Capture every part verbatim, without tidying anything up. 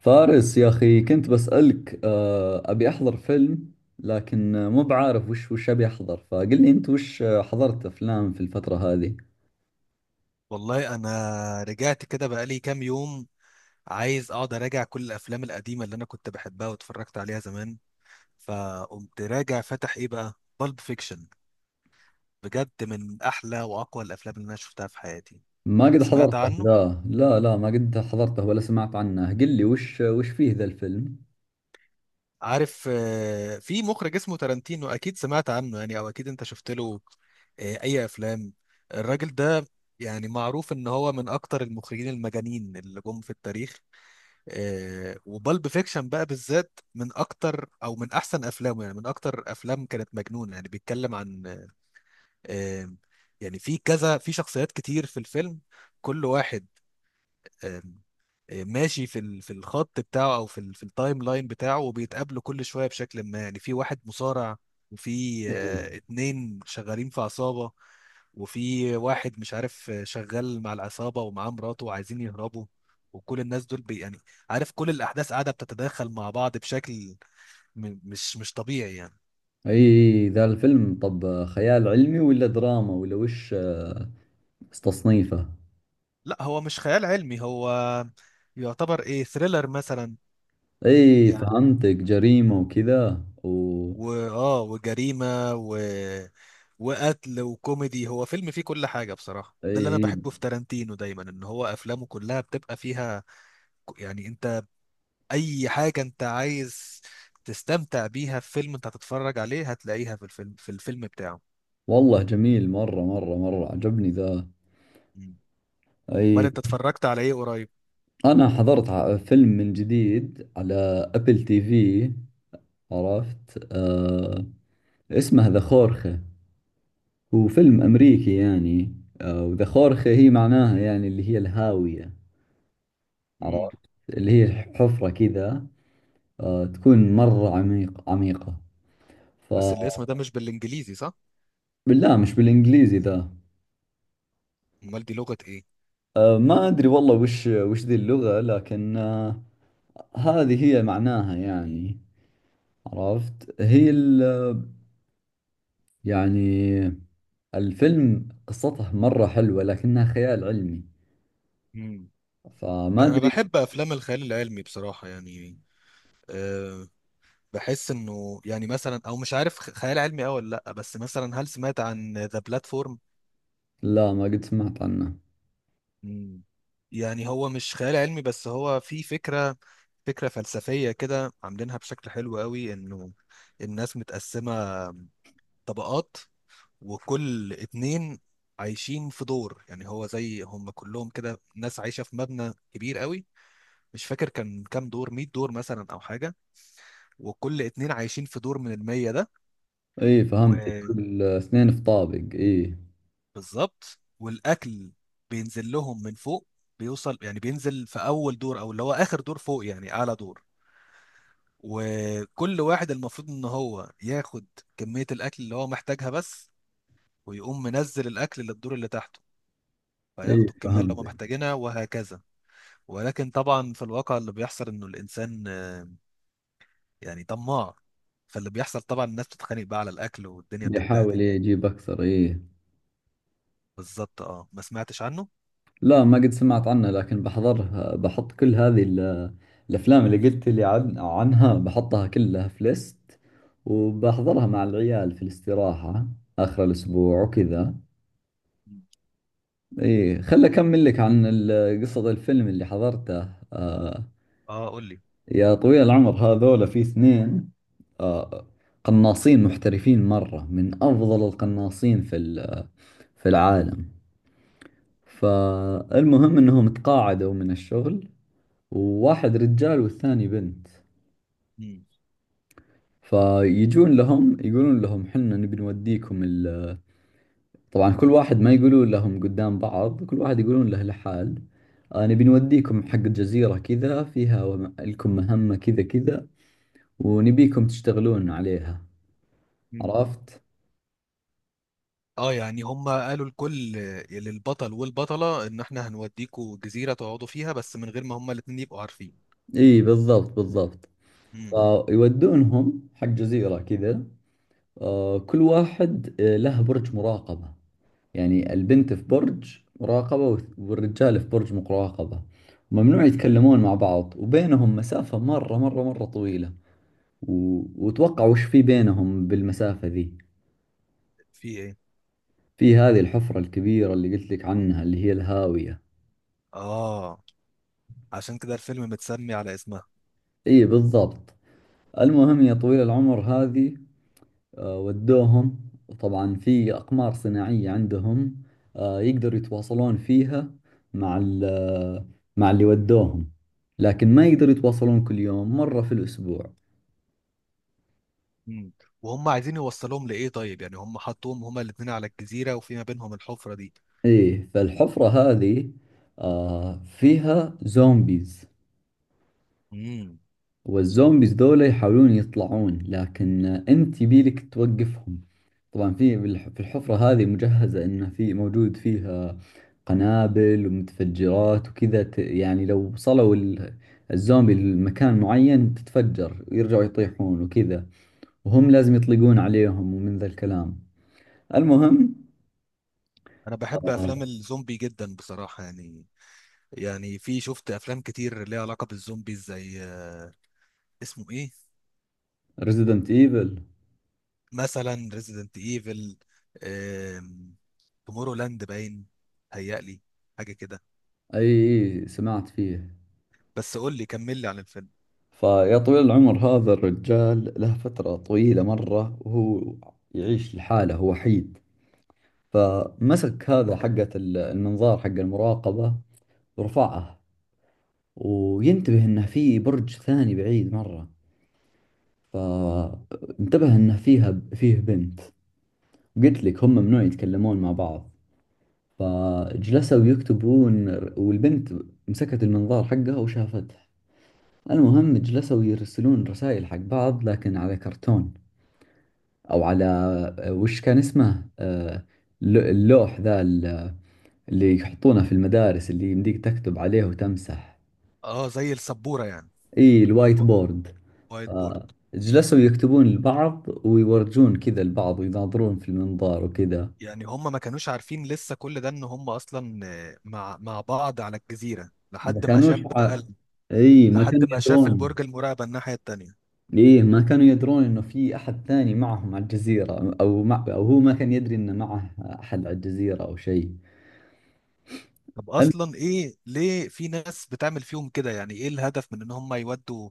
فارس يا أخي، كنت بسألك آه، أبي أحضر فيلم لكن آه، مو بعارف وش وش أبي أحضر. فقل لي أنت وش آه، حضرت أفلام في الفترة هذه؟ والله انا رجعت كده بقالي كام يوم، عايز اقعد اراجع كل الافلام القديمه اللي انا كنت بحبها واتفرجت عليها زمان. فقمت راجع فتح ايه بقى؟ بالب فيكشن. بجد من احلى واقوى الافلام اللي انا شفتها في حياتي. ما قد سمعت حضرته عنه؟ ذا، لا لا ما قد حضرته ولا سمعت عنه. قل لي وش وش فيه ذا الفيلم. عارف، آه، في مخرج اسمه تارانتينو اكيد سمعت عنه يعني، او اكيد انت شفت له آه، اي افلام الراجل ده. يعني معروف ان هو من اكتر المخرجين المجانين اللي جم في التاريخ. آه وبالب فيكشن بقى بالذات من اكتر او من احسن افلامه، يعني من اكتر افلام كانت مجنونه. يعني بيتكلم عن، آه يعني في كذا، في شخصيات كتير في الفيلم. كل واحد آه، ماشي في ال- في الخط بتاعه، او في ال- في التايم لاين بتاعه، وبيتقابلوا كل شويه بشكل ما. يعني في واحد مصارع، وفي اي، آه، اتنين شغالين في عصابه، وفي واحد مش عارف، آه، شغال مع العصابه ومعاه مراته وعايزين يهربوا. وكل الناس دول بي يعني، عارف، كل الاحداث قاعده بتتداخل مع بعض بشكل م- مش مش طبيعي يعني. أي ذا الفيلم طب آه، خيال علمي ولا دراما ولا وش آه، تصنيفه؟ لا، هو مش خيال علمي، هو يعتبر ايه، ثريلر مثلا. أي يعني فهمتك، جريمة وكذا و واه، وجريمه وقتل وكوميدي. هو فيلم فيه كل حاجة بصراحة، ده اللي انا أي. بحبه في تارانتينو دايما، ان هو افلامه كلها بتبقى فيها ك- يعني انت اي حاجة انت عايز تستمتع بيها في فيلم انت هتتفرج عليه، هتلاقيها في الفيلم في الفيلم بتاعه. والله جميل، مرة مرة مرة عجبني ذا. مم. امال اي، انت اتفرجت على ايه قريب؟ أنا حضرت ع- فيلم من جديد على أبل تي في. عرفت آه، اسمه ذا خورخة. هو فيلم أمريكي يعني. آه، وذا خورخة هي معناها يعني اللي هي الهاوية. مم. عرفت، اللي هي حفرة كذا، آه تكون مرة عميق عميقة. ف بس الاسم ده مش بالانجليزي صح؟ بالله مش بالإنجليزي ذا. امال دي لغة ايه؟ آه، ما أدري والله وش وش ذي اللغة لكن آه، هذه هي معناها يعني. عرفت، هي ال يعني الفيلم قصته مرة حلوة لكنها خيال علمي. مم. فما انا أدري. بحب افلام الخيال العلمي بصراحة يعني. أه بحس انه يعني مثلا، او مش عارف خ- خيال علمي او ولا لا. بس مثلا، هل سمعت عن ذا بلاتفورم؟ لا ما قد سمعت عنه. مم. يعني هو مش خيال علمي، بس هو في فكرة فكرة فلسفية كده عاملينها بشكل حلو قوي، انه الناس متقسمة طبقات، وكل اتنين عايشين في دور. يعني هو زي هم كلهم كده، ناس عايشة في مبنى كبير قوي. مش فاكر كان كام دور، مية دور مثلا او حاجة. وكل اتنين عايشين في دور من المية ده. إيه فهمتك، كل اثنين في طابق. إيه، وبالظبط، والاكل بينزل لهم من فوق. بيوصل يعني، بينزل في اول دور، او اللي هو اخر دور فوق يعني اعلى دور. وكل واحد المفروض ان هو ياخد كمية الاكل اللي هو محتاجها بس، ويقوم منزل الاكل للدور اللي تحته، إيه فياخدوا الكمية اللي هم فهمتك، محتاجينها وهكذا. ولكن طبعا في الواقع اللي بيحصل انه الانسان، آه، يعني طماع. فاللي بيحصل طبعا الناس بتتخانق بقى على الاكل، والدنيا بتتبهدل يحاول يعني. يجيب أكثر. إيه، بالظبط، اه، ما سمعتش عنه. لا ما قد سمعت عنه لكن بحضرها، بحط كل هذه ال- الأفلام اللي قلت لي عن عنها، بحطها كلها في ليست وبحضرها مع العيال في الاستراحة آخر الأسبوع وكذا. مم. إيه خل أكمل لك عن ال- قصة الفيلم اللي حضرته. آه، اه، قول لي. يا طويل العمر، هذول في اثنين، آه، قناصين محترفين مرة، من أفضل القناصين في ال- في العالم. فالمهم أنهم تقاعدوا من الشغل، وواحد رجال والثاني بنت. مم. فيجون لهم يقولون لهم: حنا نبي نوديكم ال... طبعا كل واحد، ما يقولون لهم قدام بعض، كل واحد يقولون له لحال: آه، نبي نوديكم حق جزيرة كذا فيها وم- لكم مهمة كذا كذا، ونبيكم تشتغلون عليها. مم. عرفت. اه، يعني هم قالوا لكل للبطل والبطلة ان احنا هنوديكوا جزيرة تقعدوا فيها، بس من غير ما هم الاتنين يبقوا عارفين. اي بالضبط بالضبط. فيودونهم حق جزيرة كذا، آه، كل واحد آه، له برج مراقبة، يعني البنت في برج مراقبة والث- والرجال في برج مراقبة. ممنوع مم. يتكلمون مع بعض وبينهم مسافة مرة مرة مرة طويلة و... وتوقع وش في بينهم بالمسافة ذي؟ في ايه؟ في هذه الحفرة الكبيرة اللي قلت لك عنها اللي هي الهاوية. اه، عشان كده الفيلم متسمي على اسمها. اي بالضبط. المهم يا طويل العمر، هذه آه، ودوهم. طبعا في أقمار صناعية عندهم آه، يقدروا يتواصلون فيها مع ال- آه، مع اللي ودوهم، لكن ما يقدروا يتواصلون كل يوم، مرة في الأسبوع. امم وهم عايزين يوصلهم لايه طيب؟ يعني هم حطوهم هما الاثنين على الجزيره وفي ما بينهم الحفره دي. إيه فالحفرة هذه آه، فيها زومبيز، امم والزومبيز ذولا يحاولون يطلعون لكن انت يبيلك توقفهم. طبعا في بالح- في الحفرة هذه مجهزة انه في موجود فيها قنابل ومتفجرات وكذا، ت- يعني لو وصلوا ال- الزومبي لمكان معين تتفجر ويرجعوا يطيحون وكذا، وهم لازم يطلقون عليهم ومن ذا الكلام. المهم، انا بحب افلام الزومبي جدا بصراحه يعني. يعني في، شفت افلام كتير ليها علاقه بالزومبي، زي آه، اسمه ايه، ريزيدنت ايفل. مثلا ريزيدنت ايفل، تومورو لاند باين، هيقلي، حاجه كده. اي، إي، سمعت فيه. بس قول لي، كمل لي عن الفيلم. فيا طويل العمر، هذا الرجال له فترة طويلة مرة وهو يعيش لحاله، هو وحيد. فمسك هذا حقة ال- المنظار حق المراقبة ورفعه، وينتبه انه في برج ثاني بعيد مرة، فانتبه انه فيها فيه بنت. قلت لك هم ممنوع يتكلمون مع بعض، فجلسوا يكتبون. والبنت مسكت المنظار حقها وشافته. المهم جلسوا يرسلون رسائل حق بعض لكن على كرتون او على آه، وش كان اسمه آه، ل- اللوح ذا ال- اللي يحطونه في المدارس، اللي يمديك تكتب عليه وتمسح. اه، زي السبوره يعني. اي، الوايت بورد. وايت بورد. آه، جلسوا يكتبون لبعض ويورجون كذا لبعض ويناظرون في المنظار وكذا. يعني هم ما كانوش عارفين لسه كل ده، ان هم اصلا آه، مع مع بعض على الجزيره، ما لحد ما كانوش شاف بقى ع... ال- اي ما لحد كانوا ما شاف يدرون. البرج المراقبه الناحيه التانيه. ايه ما كانوا يدرون انه في احد ثاني معهم على الجزيرة، او مع... او هو ما كان يدري انه معه احد على الجزيرة او شيء. طب اصلا ايه؟ ليه في ناس بتعمل فيهم كده؟ يعني ايه الهدف من ان هم يودوا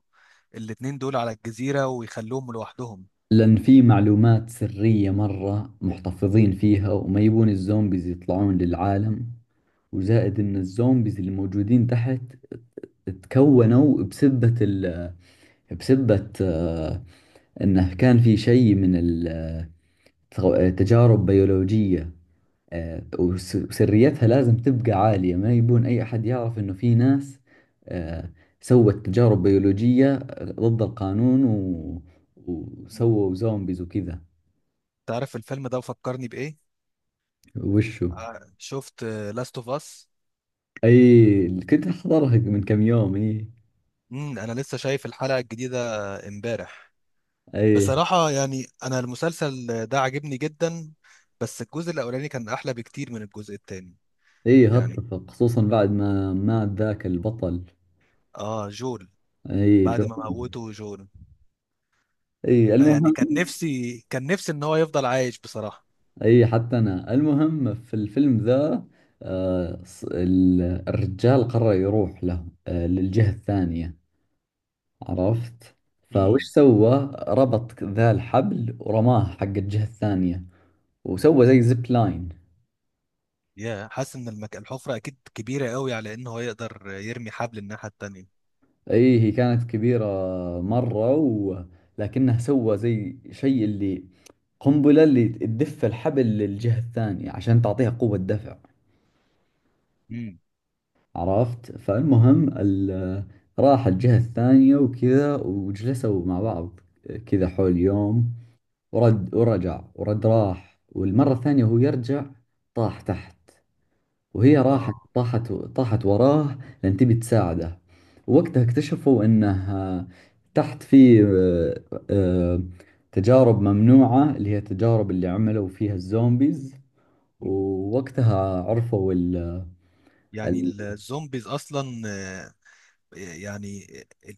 الاتنين دول على الجزيره ويخلوهم لوحدهم؟ لأن في معلومات سرية مرة محتفظين فيها وما يبون الزومبيز يطلعون للعالم، وزائد إن الزومبيز اللي موجودين تحت تكونوا بسبة ال بسبة آه، إنه كان في شيء من ال- آه، تجارب بيولوجية آه، وس- وسريتها لازم تبقى عالية، ما يبون أي أحد يعرف إنه في ناس آه، سوت تجارب بيولوجية ضد القانون و... وسووا زومبيز وكذا. تعرف الفيلم ده فكرني بايه؟ وشو؟ آه، شفت لاست اوف اس. اي كنت احضرها من كم يوم، اي. امم انا لسه شايف الحلقه الجديده امبارح. اي، بصراحة يعني أنا المسلسل ده عجبني جدا، بس الجزء الأولاني كان أحلى بكتير من الجزء التاني. اي يعني، هتفق، خصوصا بعد ما مات ذاك البطل. آه، جول. اي جو. بعد ما موته جول. اي يعني، المهم. كان نفسي كان نفسي إن هو يفضل عايش بصراحة. اي حتى انا. المهم في الفيلم ذا، آه ص- ال- الرجال قرر يروح له آه للجهة الثانية. عرفت. فوش امم سوى، ربط ذا الحبل ورماه حق الجهة الثانية، وسوى زي زيب لاين. يا، حاسس إن المك... الحفرة أكيد كبيرة قوي على إن هو يقدر يرمي حبل الناحية التانية. اي هي كانت كبيرة مرة و... لكنه سوى زي شيء اللي قنبلة اللي تدف الحبل للجهة الثانية عشان تعطيها قوة دفع. امم، عرفت. فالمهم ال... راح الجهة الثانية وكذا وجلسوا مع بعض كذا حول يوم. ورد ورجع ورد راح والمرة الثانية وهو يرجع طاح تحت، وهي راحت آه، طاحت طاحت وراه، لأن تبي تساعده. ووقتها اكتشفوا انه آه، تحت في آه، آه، تجارب ممنوعة اللي هي التجارب اللي عملوا فيها الزومبيز. مم. ووقتها عرفوا ال يعني ال. الزومبيز أصلا، يعني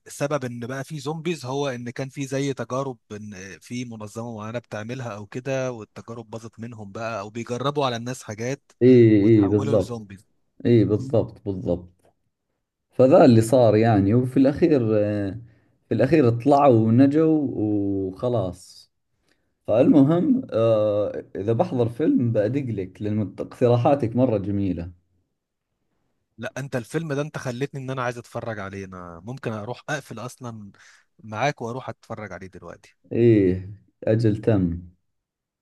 السبب ان بقى في زومبيز هو ان كان في زي تجارب، ان في منظمه معينه بتعملها او كده، والتجارب باظت منهم بقى، او بيجربوا على الناس حاجات اي. اي وتحولوا بالضبط، لزومبيز. اي بالضبط بالضبط. فذا اللي صار يعني. وفي الأخير آه، في الأخير طلعوا ونجوا وخلاص. فالمهم آه إذا بحضر فيلم بأدق لك، لأن اقتراحاتك مرة جميلة. لا، انت الفيلم ده انت خلتني ان انا عايز اتفرج عليه. انا ممكن اروح اقفل اصلا معاك واروح اتفرج عليه دلوقتي. إيه أجل تم.